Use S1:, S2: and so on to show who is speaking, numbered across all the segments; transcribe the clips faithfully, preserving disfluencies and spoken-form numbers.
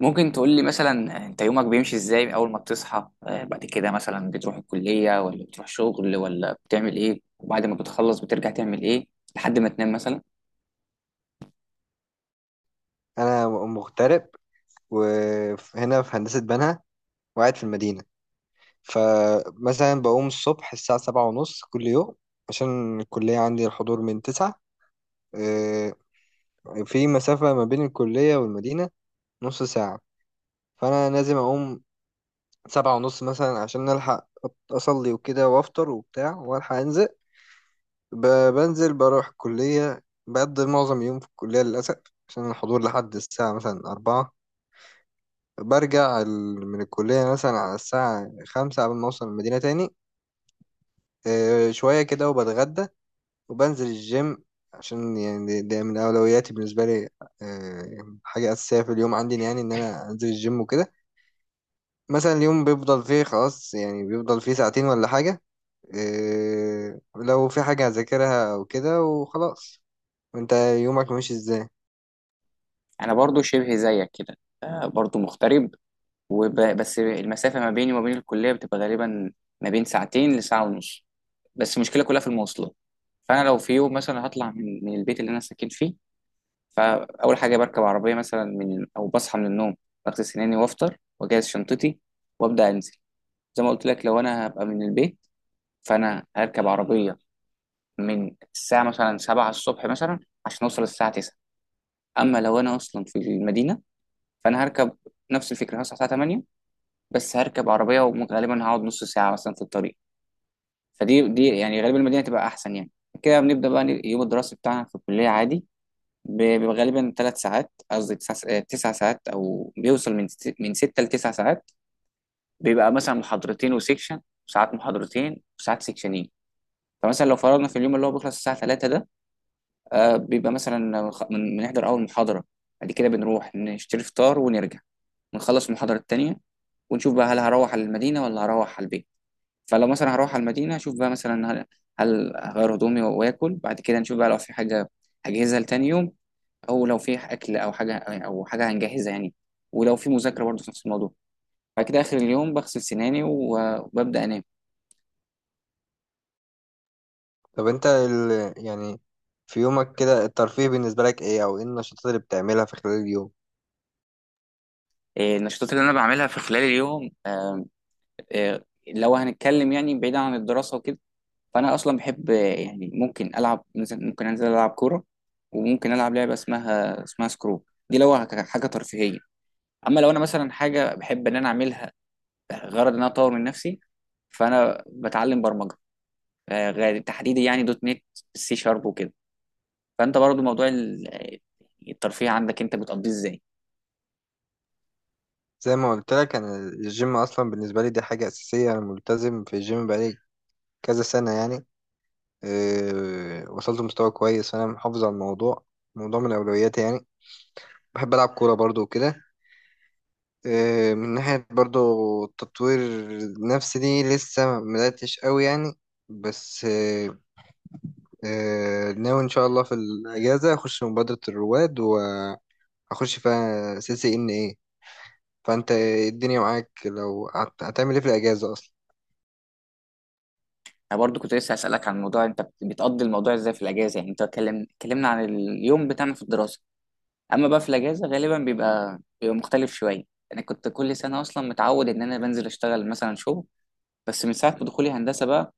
S1: ممكن تقول لي مثلا انت يومك بيمشي ازاي اول ما بتصحى؟ آه، بعد كده مثلا بتروح الكلية ولا بتروح شغل ولا بتعمل ايه؟ وبعد ما بتخلص بترجع تعمل ايه لحد ما تنام مثلا؟
S2: انا م- مغترب، وهنا في هندسه بنها، وقاعد في المدينه. فمثلا بقوم الصبح الساعه سبعة ونص كل يوم، عشان الكليه عندي الحضور من تسعة. آه، في مسافه ما بين الكليه والمدينه نص ساعه، فانا لازم اقوم سبعة ونص مثلا عشان الحق أط- اصلي وكده وافطر وبتاع والحق انزل. ب- بنزل بروح الكليه، بقضي معظم يوم في الكليه للاسف، عشان الحضور لحد الساعه مثلا أربعة. برجع ال- من الكلية مثلا على الساعة خمسة قبل ما أوصل المدينة تاني. آه، شوية كده وبتغدى وبنزل الجيم، عشان يعني ده ده من أولوياتي بالنسبة لي. آه، حاجة أساسية في اليوم عندي، يعني إن أنا أنزل الجيم وكده. مثلا اليوم بيفضل فيه خلاص، يعني بيفضل فيه ساعتين ولا حاجة. آه، لو في حاجة هذاكرها أو كده وخلاص. وأنت يومك ماشي إزاي؟
S1: انا برضو شبه زيك كده. آه، برضو مغترب. وب... بس المسافة ما بيني وما بين الكلية بتبقى غالبا ما بين ساعتين لساعة ونص، بس المشكلة كلها في المواصلات. فانا لو في يوم مثلا هطلع من من البيت اللي انا ساكن فيه، فاول حاجة بركب عربية مثلا من او بصحى من النوم، بغسل سناني وافطر واجهز شنطتي وابدا انزل. زي ما قلت لك، لو انا هبقى من البيت فانا هركب عربيه من الساعه مثلا سبعة الصبح مثلا عشان اوصل الساعه تسعة. اما لو انا اصلا في المدينه فانا هركب نفس الفكره، هصحى الساعه ثمانية بس هركب عربيه وغالبا هقعد نص ساعه مثلا في الطريق. فدي دي يعني غالبا المدينه تبقى احسن يعني. كده بنبدا بقى اليوم الدراسي بتاعنا في الكليه عادي. ب- بيبقى غالبا ثلاث ساعات قصدي تسع س- آه، تسع ساعات، او بيوصل من ست- من ستة لتسع ساعات. بيبقى مثلا محاضرتين وسيكشن، ساعات محاضرتين وساعات سيكشنين. فمثلا لو فرضنا في اليوم اللي هو بيخلص الساعة ثلاثة ده، آه بيبقى مثلا خ- من بنحضر أول محاضرة، بعد كده بنروح نشتري فطار ونرجع ونخلص المحاضرة التانية، ونشوف بقى هل هروح على المدينة ولا هروح على البيت. فلو مثلا هروح على المدينة أشوف بقى مثلا هل هل هغير هدومي وآكل، بعد كده نشوف بقى لو في حاجة هجهزها لتاني يوم، أو لو في أكل أو حاجة أو حاجة هنجهزها يعني، ولو في مذاكرة برضه في نفس الموضوع. بعد كده آخر اليوم بغسل سناني و- وببدأ أنام.
S2: طب أنت ال- يعني في يومك كده الترفيه بالنسبة لك إيه؟ أو إيه النشاطات اللي بتعملها في خلال اليوم؟
S1: إيه، النشاطات اللي أنا بعملها في خلال اليوم. آه، آه، لو هنتكلم يعني بعيدا عن الدراسة وكده، فأنا أصلا بحب. آه، يعني ممكن ألعب، مثلا ممكن أنزل ألعب كورة، وممكن ألعب لعبة اسمها اسمها سكرو. دي لو ه- حاجة ترفيهية. أما لو أنا مثلا حاجة بحب إن أنا أعملها غرض إن أنا أطور من نفسي، فأنا بتعلم برمجة. آه، غير- تحديدا يعني دوت نت، سي شارب وكده. فأنت برضو موضوع ال- الترفيه عندك أنت بتقضيه إزاي؟
S2: زي ما قلت لك، انا الجيم اصلا بالنسبه لي دي حاجه اساسيه، انا ملتزم في الجيم بقالي كذا سنه يعني. أه وصلت لمستوى كويس، فانا محافظ على الموضوع، موضوع من اولوياتي يعني. بحب العب كوره برضو وكده. أه من ناحيه برضو التطوير النفسي، دي لسه ما بداتش قوي يعني. بس أه أه ناوي ان شاء الله في الاجازه اخش مبادره الرواد، وهخش فيها سي سي ان ايه. فانت إيه الدنيا معاك؟ لو هت- هتعمل ايه في الاجازه اصلا؟
S1: أنا برضو كنت لسه هسألك عن الموضوع. أنت بتقضي الموضوع إزاي في الأجازة يعني؟ أنت اتكلم اتكلمنا عن اليوم بتاعنا في الدراسة. اما بقى في الاجازه غالبا بيبقى بيبقى مختلف شويه. انا كنت كل سنه اصلا متعود ان انا بنزل اشتغل مثلا شغل، بس من ساعه ما دخولي هندسه بقى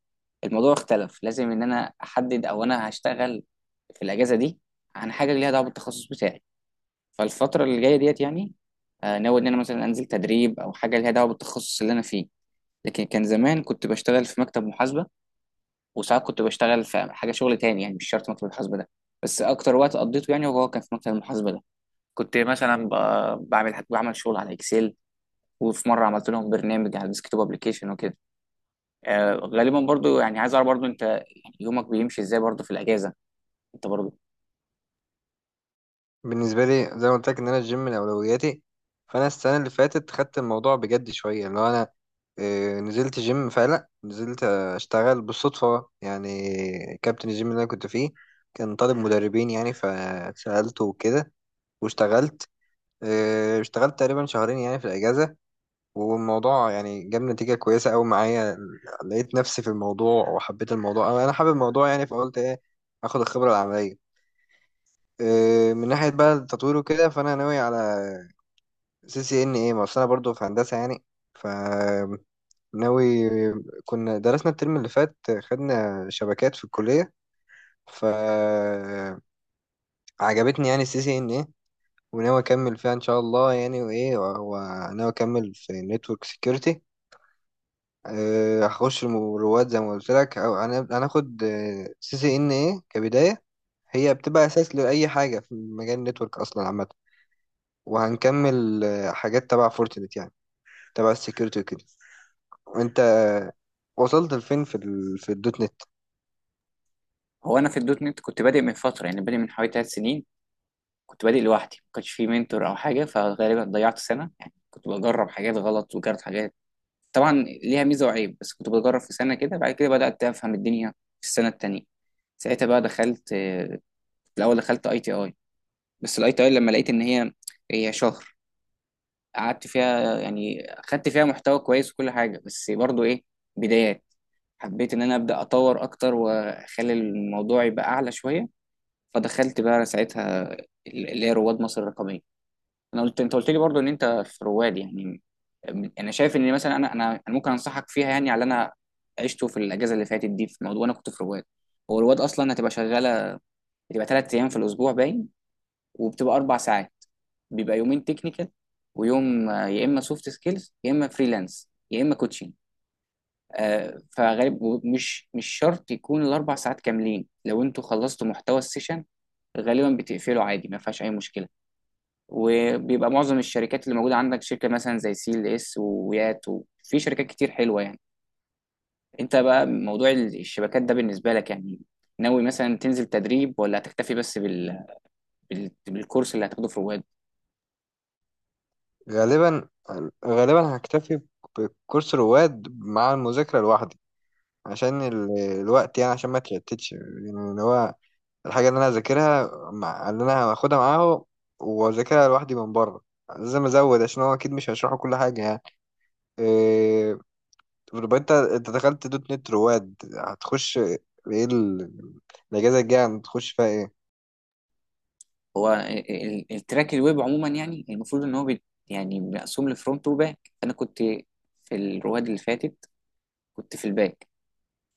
S1: الموضوع اختلف. لازم ان انا احدد او انا هشتغل في الاجازه دي عن حاجه ليها دعوه بالتخصص بتاعي. فالفتره اللي جايه ديت يعني، آه، ناوي ان انا مثلا انزل تدريب او حاجه ليها دعوه بالتخصص اللي انا فيه. لكن كان زمان كنت بشتغل في مكتب محاسبه، وساعات كنت بشتغل في حاجه شغل تاني يعني، مش شرط مكتب المحاسبه ده، بس اكتر وقت قضيته يعني هو كان في مكتب المحاسبه ده. كنت مثلا ب- بعمل بعمل شغل على اكسل، وفي مره عملت لهم برنامج على الديسكتوب ابلكيشن وكده. آه غالبا برضو يعني عايز اعرف برضو انت يعني يومك بيمشي ازاي برضو في الاجازه انت برضو؟
S2: بالنسبة لي زي ما قلت لك إن أنا الجيم من أولوياتي، فأنا السنة اللي فاتت خدت الموضوع بجد شوية، اللي هو أنا آه، نزلت جيم فعلا، نزلت آه، أشتغل بالصدفة يعني. كابتن الجيم اللي أنا كنت فيه كان طالب مدربين يعني، فسألته وكده واشتغلت. آه، اشتغلت تقريبا شهرين يعني في الأجازة، والموضوع يعني جاب نتيجة كويسة أوي معايا. لقيت نفسي في الموضوع وحبيت الموضوع، أنا أنا حابب الموضوع يعني، فقلت إيه، آخد الخبرة العملية. آه، من ناحية بقى التطوير وكده، فأنا ناوي على سي سي إن إيه، ما أصل أنا برضه في هندسة يعني. ف ناوي، كنا درسنا الترم اللي فات خدنا شبكات في الكلية، فعجبتني يعني السي سي إن إيه، وناوي أكمل فيها إن شاء الله يعني. وإيه و- وناوي أكمل في نتورك سيكيورتي. هخش الم- رواد زي ما قلت لك، أو هن- هناخد سي سي إن إيه كبداية. هي بتبقى أساس لأي حاجة في مجال النتورك أصلا عامة. وهنكمل آه، حاجات تبع فورتنت يعني، تبع السكيورتي وكده. وانت وصلت لفين في ال... في الدوت نت؟
S1: هو انا في الدوت نت كنت بادئ من فتره يعني، بادئ من حوالي ثلاث سنين. كنت بادئ لوحدي، ما كانش في منتور او حاجه، فغالبا ضيعت سنه يعني، كنت بجرب حاجات غلط وجربت حاجات طبعا ليها ميزه وعيب، بس كنت بجرب في سنه كده. بعد كده بدات افهم الدنيا في السنه التانيه. ساعتها بقى دخلت، آه، في الاول دخلت اي تي اي. بس الاي تي اي لما لقيت ان هي هي شهر، قعدت فيها يعني، خدت فيها محتوى كويس وكل حاجه، بس برضو ايه، بدايات. حبيت ان انا ابدا اطور اكتر واخلي الموضوع يبقى اعلى شويه، فدخلت بقى ساعتها ال- اللي هي رواد مصر الرقميه. انا قلت انت قلت لي برضو ان انت في رواد يعني. انا شايف ان مثلا انا انا أنا ممكن انصحك فيها يعني على اللي انا عشته في الاجازه اللي فاتت دي، في موضوع انا كنت في رواد. هو رواد اصلا هتبقى شغاله، هتبقى ثلاث ايام في الاسبوع باين، وبتبقى اربع ساعات، بيبقى يومين تكنيكال ويوم، آه، يا اما سوفت سكيلز يا اما فريلانس يا اما كوتشنج. آه، فغالب مش مش شرط يكون الاربع ساعات كاملين، لو انتوا خلصتوا محتوى السيشن غالبا بتقفله عادي، ما فيهاش اي مشكله. وبيبقى معظم الشركات اللي موجوده عندك شركه مثلا زي سي ال اس ويات، وفي شركات كتير حلوه يعني. انت بقى موضوع ال- الشبكات ده بالنسبه لك يعني، ناوي مثلا تنزل تدريب ولا هتكتفي بس بال... بال... بالكورس اللي هتاخده في رواد؟
S2: غالبا غالبا هكتفي بكورس رواد مع المذاكرة لوحدي، عشان ال... الوقت يعني، عشان ما تشتتش يعني، اللي هو الحاجة اللي انا هذاكرها مع اللي انا هاخدها معاه واذاكرها لوحدي من بره لازم ازود، عشان هو اكيد مش هيشرحوا كل حاجة يعني. آه، طب يبقى انت انت دخلت دوت نت رواد، هتخش ايه؟ ال- الاجازه الجايه هتخش فيها ايه؟
S1: هو ال- ال- التراك الويب عموما يعني المفروض ان هو بي، يعني مقسوم لفرونت وباك. انا كنت في الرواد اللي فاتت كنت في الباك،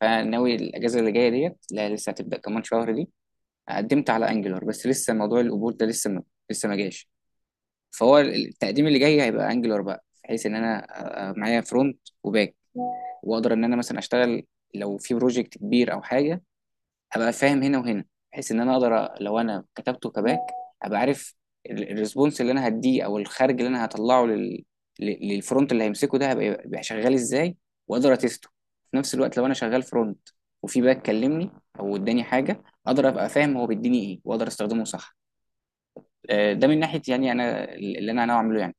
S1: فناوي الاجازه اللي جايه ديت، لا لسه هتبدا كمان شهر دي. قدمت على انجلر بس لسه موضوع القبول ده لسه ما لسه ما جاش. فهو التقديم اللي جاي هيبقى انجلر بقى، بحيث ان انا أ- أ- معايا فرونت وباك واقدر ان انا مثلا اشتغل. لو في بروجكت كبير او حاجه، ابقى فاهم هنا وهنا، بحيث ان انا اقدر أ- لو انا كتبته كباك ابقى عارف ال- الريسبونس اللي انا هديه او الخارج اللي انا هطلعه لل... لل- للفرونت اللي هيمسكه ده هبقى يبقى شغال ازاي، واقدر اتسته. في نفس الوقت لو انا شغال فرونت وفي باك كلمني او اداني حاجه، اقدر ابقى فاهم هو بيديني ايه واقدر استخدمه صح. آه، ده من ناحيه يعني انا اللي انا ناوي اعمله يعني.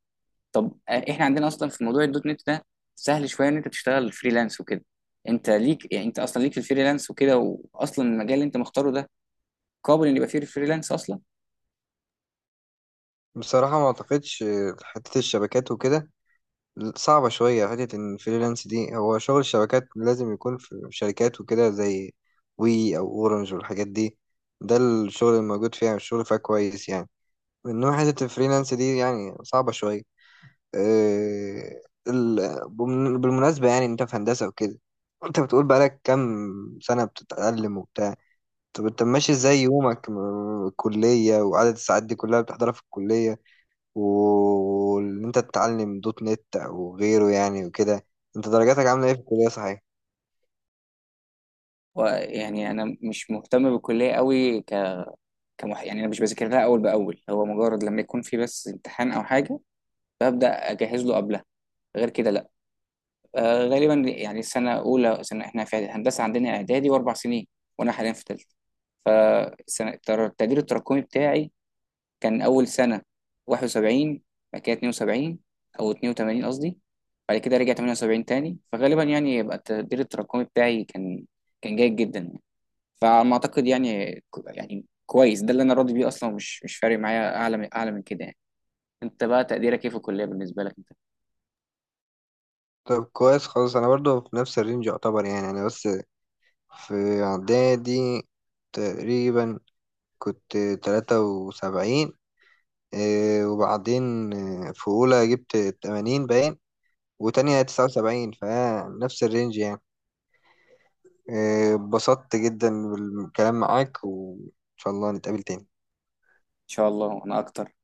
S1: طب آه، احنا عندنا اصلا في موضوع الدوت نت ده سهل شويه ان انت تشتغل فريلانس وكده. انت ليك يعني، انت اصلا ليك في الفريلانس وكده، واصلا المجال اللي انت مختاره ده قابل ان يبقى فيه فريلانس اصلا؟
S2: بصراحه ما اعتقدش. حته الشبكات وكده صعبه شويه، حته ان الفريلانس دي، هو شغل الشبكات لازم يكون في شركات وكده زي وي او اورنج والحاجات دي. ده الشغل الموجود فيها، الشغل فيها كويس يعني، انما حته الفريلانس دي يعني صعبه شويه. اه ال- بالمناسبه، يعني انت في هندسه وكده، انت بتقول بقالك كام سنه بتتعلم وبتاع؟ طب انت ماشي ازاي يومك، م- الكلية وعدد الساعات دي كلها بتحضرها في الكلية، و- وان انت تتعلم دوت نت او غيره يعني وكده؟ انت درجاتك عاملة ايه في الكلية صحيح؟
S1: ويعني انا مش مهتم بالكليه قوي، ك... كمح... يعني انا مش بذاكر لها اول باول، هو مجرد لما يكون في بس امتحان او حاجه ببدا اجهز له قبلها، غير كده لا. آه غالبا يعني سنه اولى سنه، احنا في هندسه عندنا اعدادي واربع سنين، وانا حاليا في ثالثه. فالسنه التر- التقدير التراكمي بتاعي كان اول سنه واحد وسبعين، بعد كده اتنين وسبعين او اتنين وتمانين قصدي، بعد كده رجع ثمانية وسبعين تاني. فغالبا يعني يبقى التقدير التراكمي بتاعي كان، كان جيد جدا يعني. فعلى ما اعتقد يعني، يعني كويس ده اللي انا راضي بيه اصلا، ومش مش فارق معايا اعلى من اعلى من كده يعني. انت بقى تقديرك ايه في الكليه بالنسبه لك انت؟ ان
S2: طب كويس خالص، انا برضو في نفس الرينج يعتبر يعني. انا بس في اعدادي تقريبا كنت تلاتة وسبعين. اه، وبعدين اه، في اولى جبت تمانين باين، وتانية تسعة وسبعين، فنفس الرينج يعني. إيه، اتبسطت جدا بالكلام معاك، وإن شاء الله نتقابل تاني.
S1: شاء الله وانا اكتر.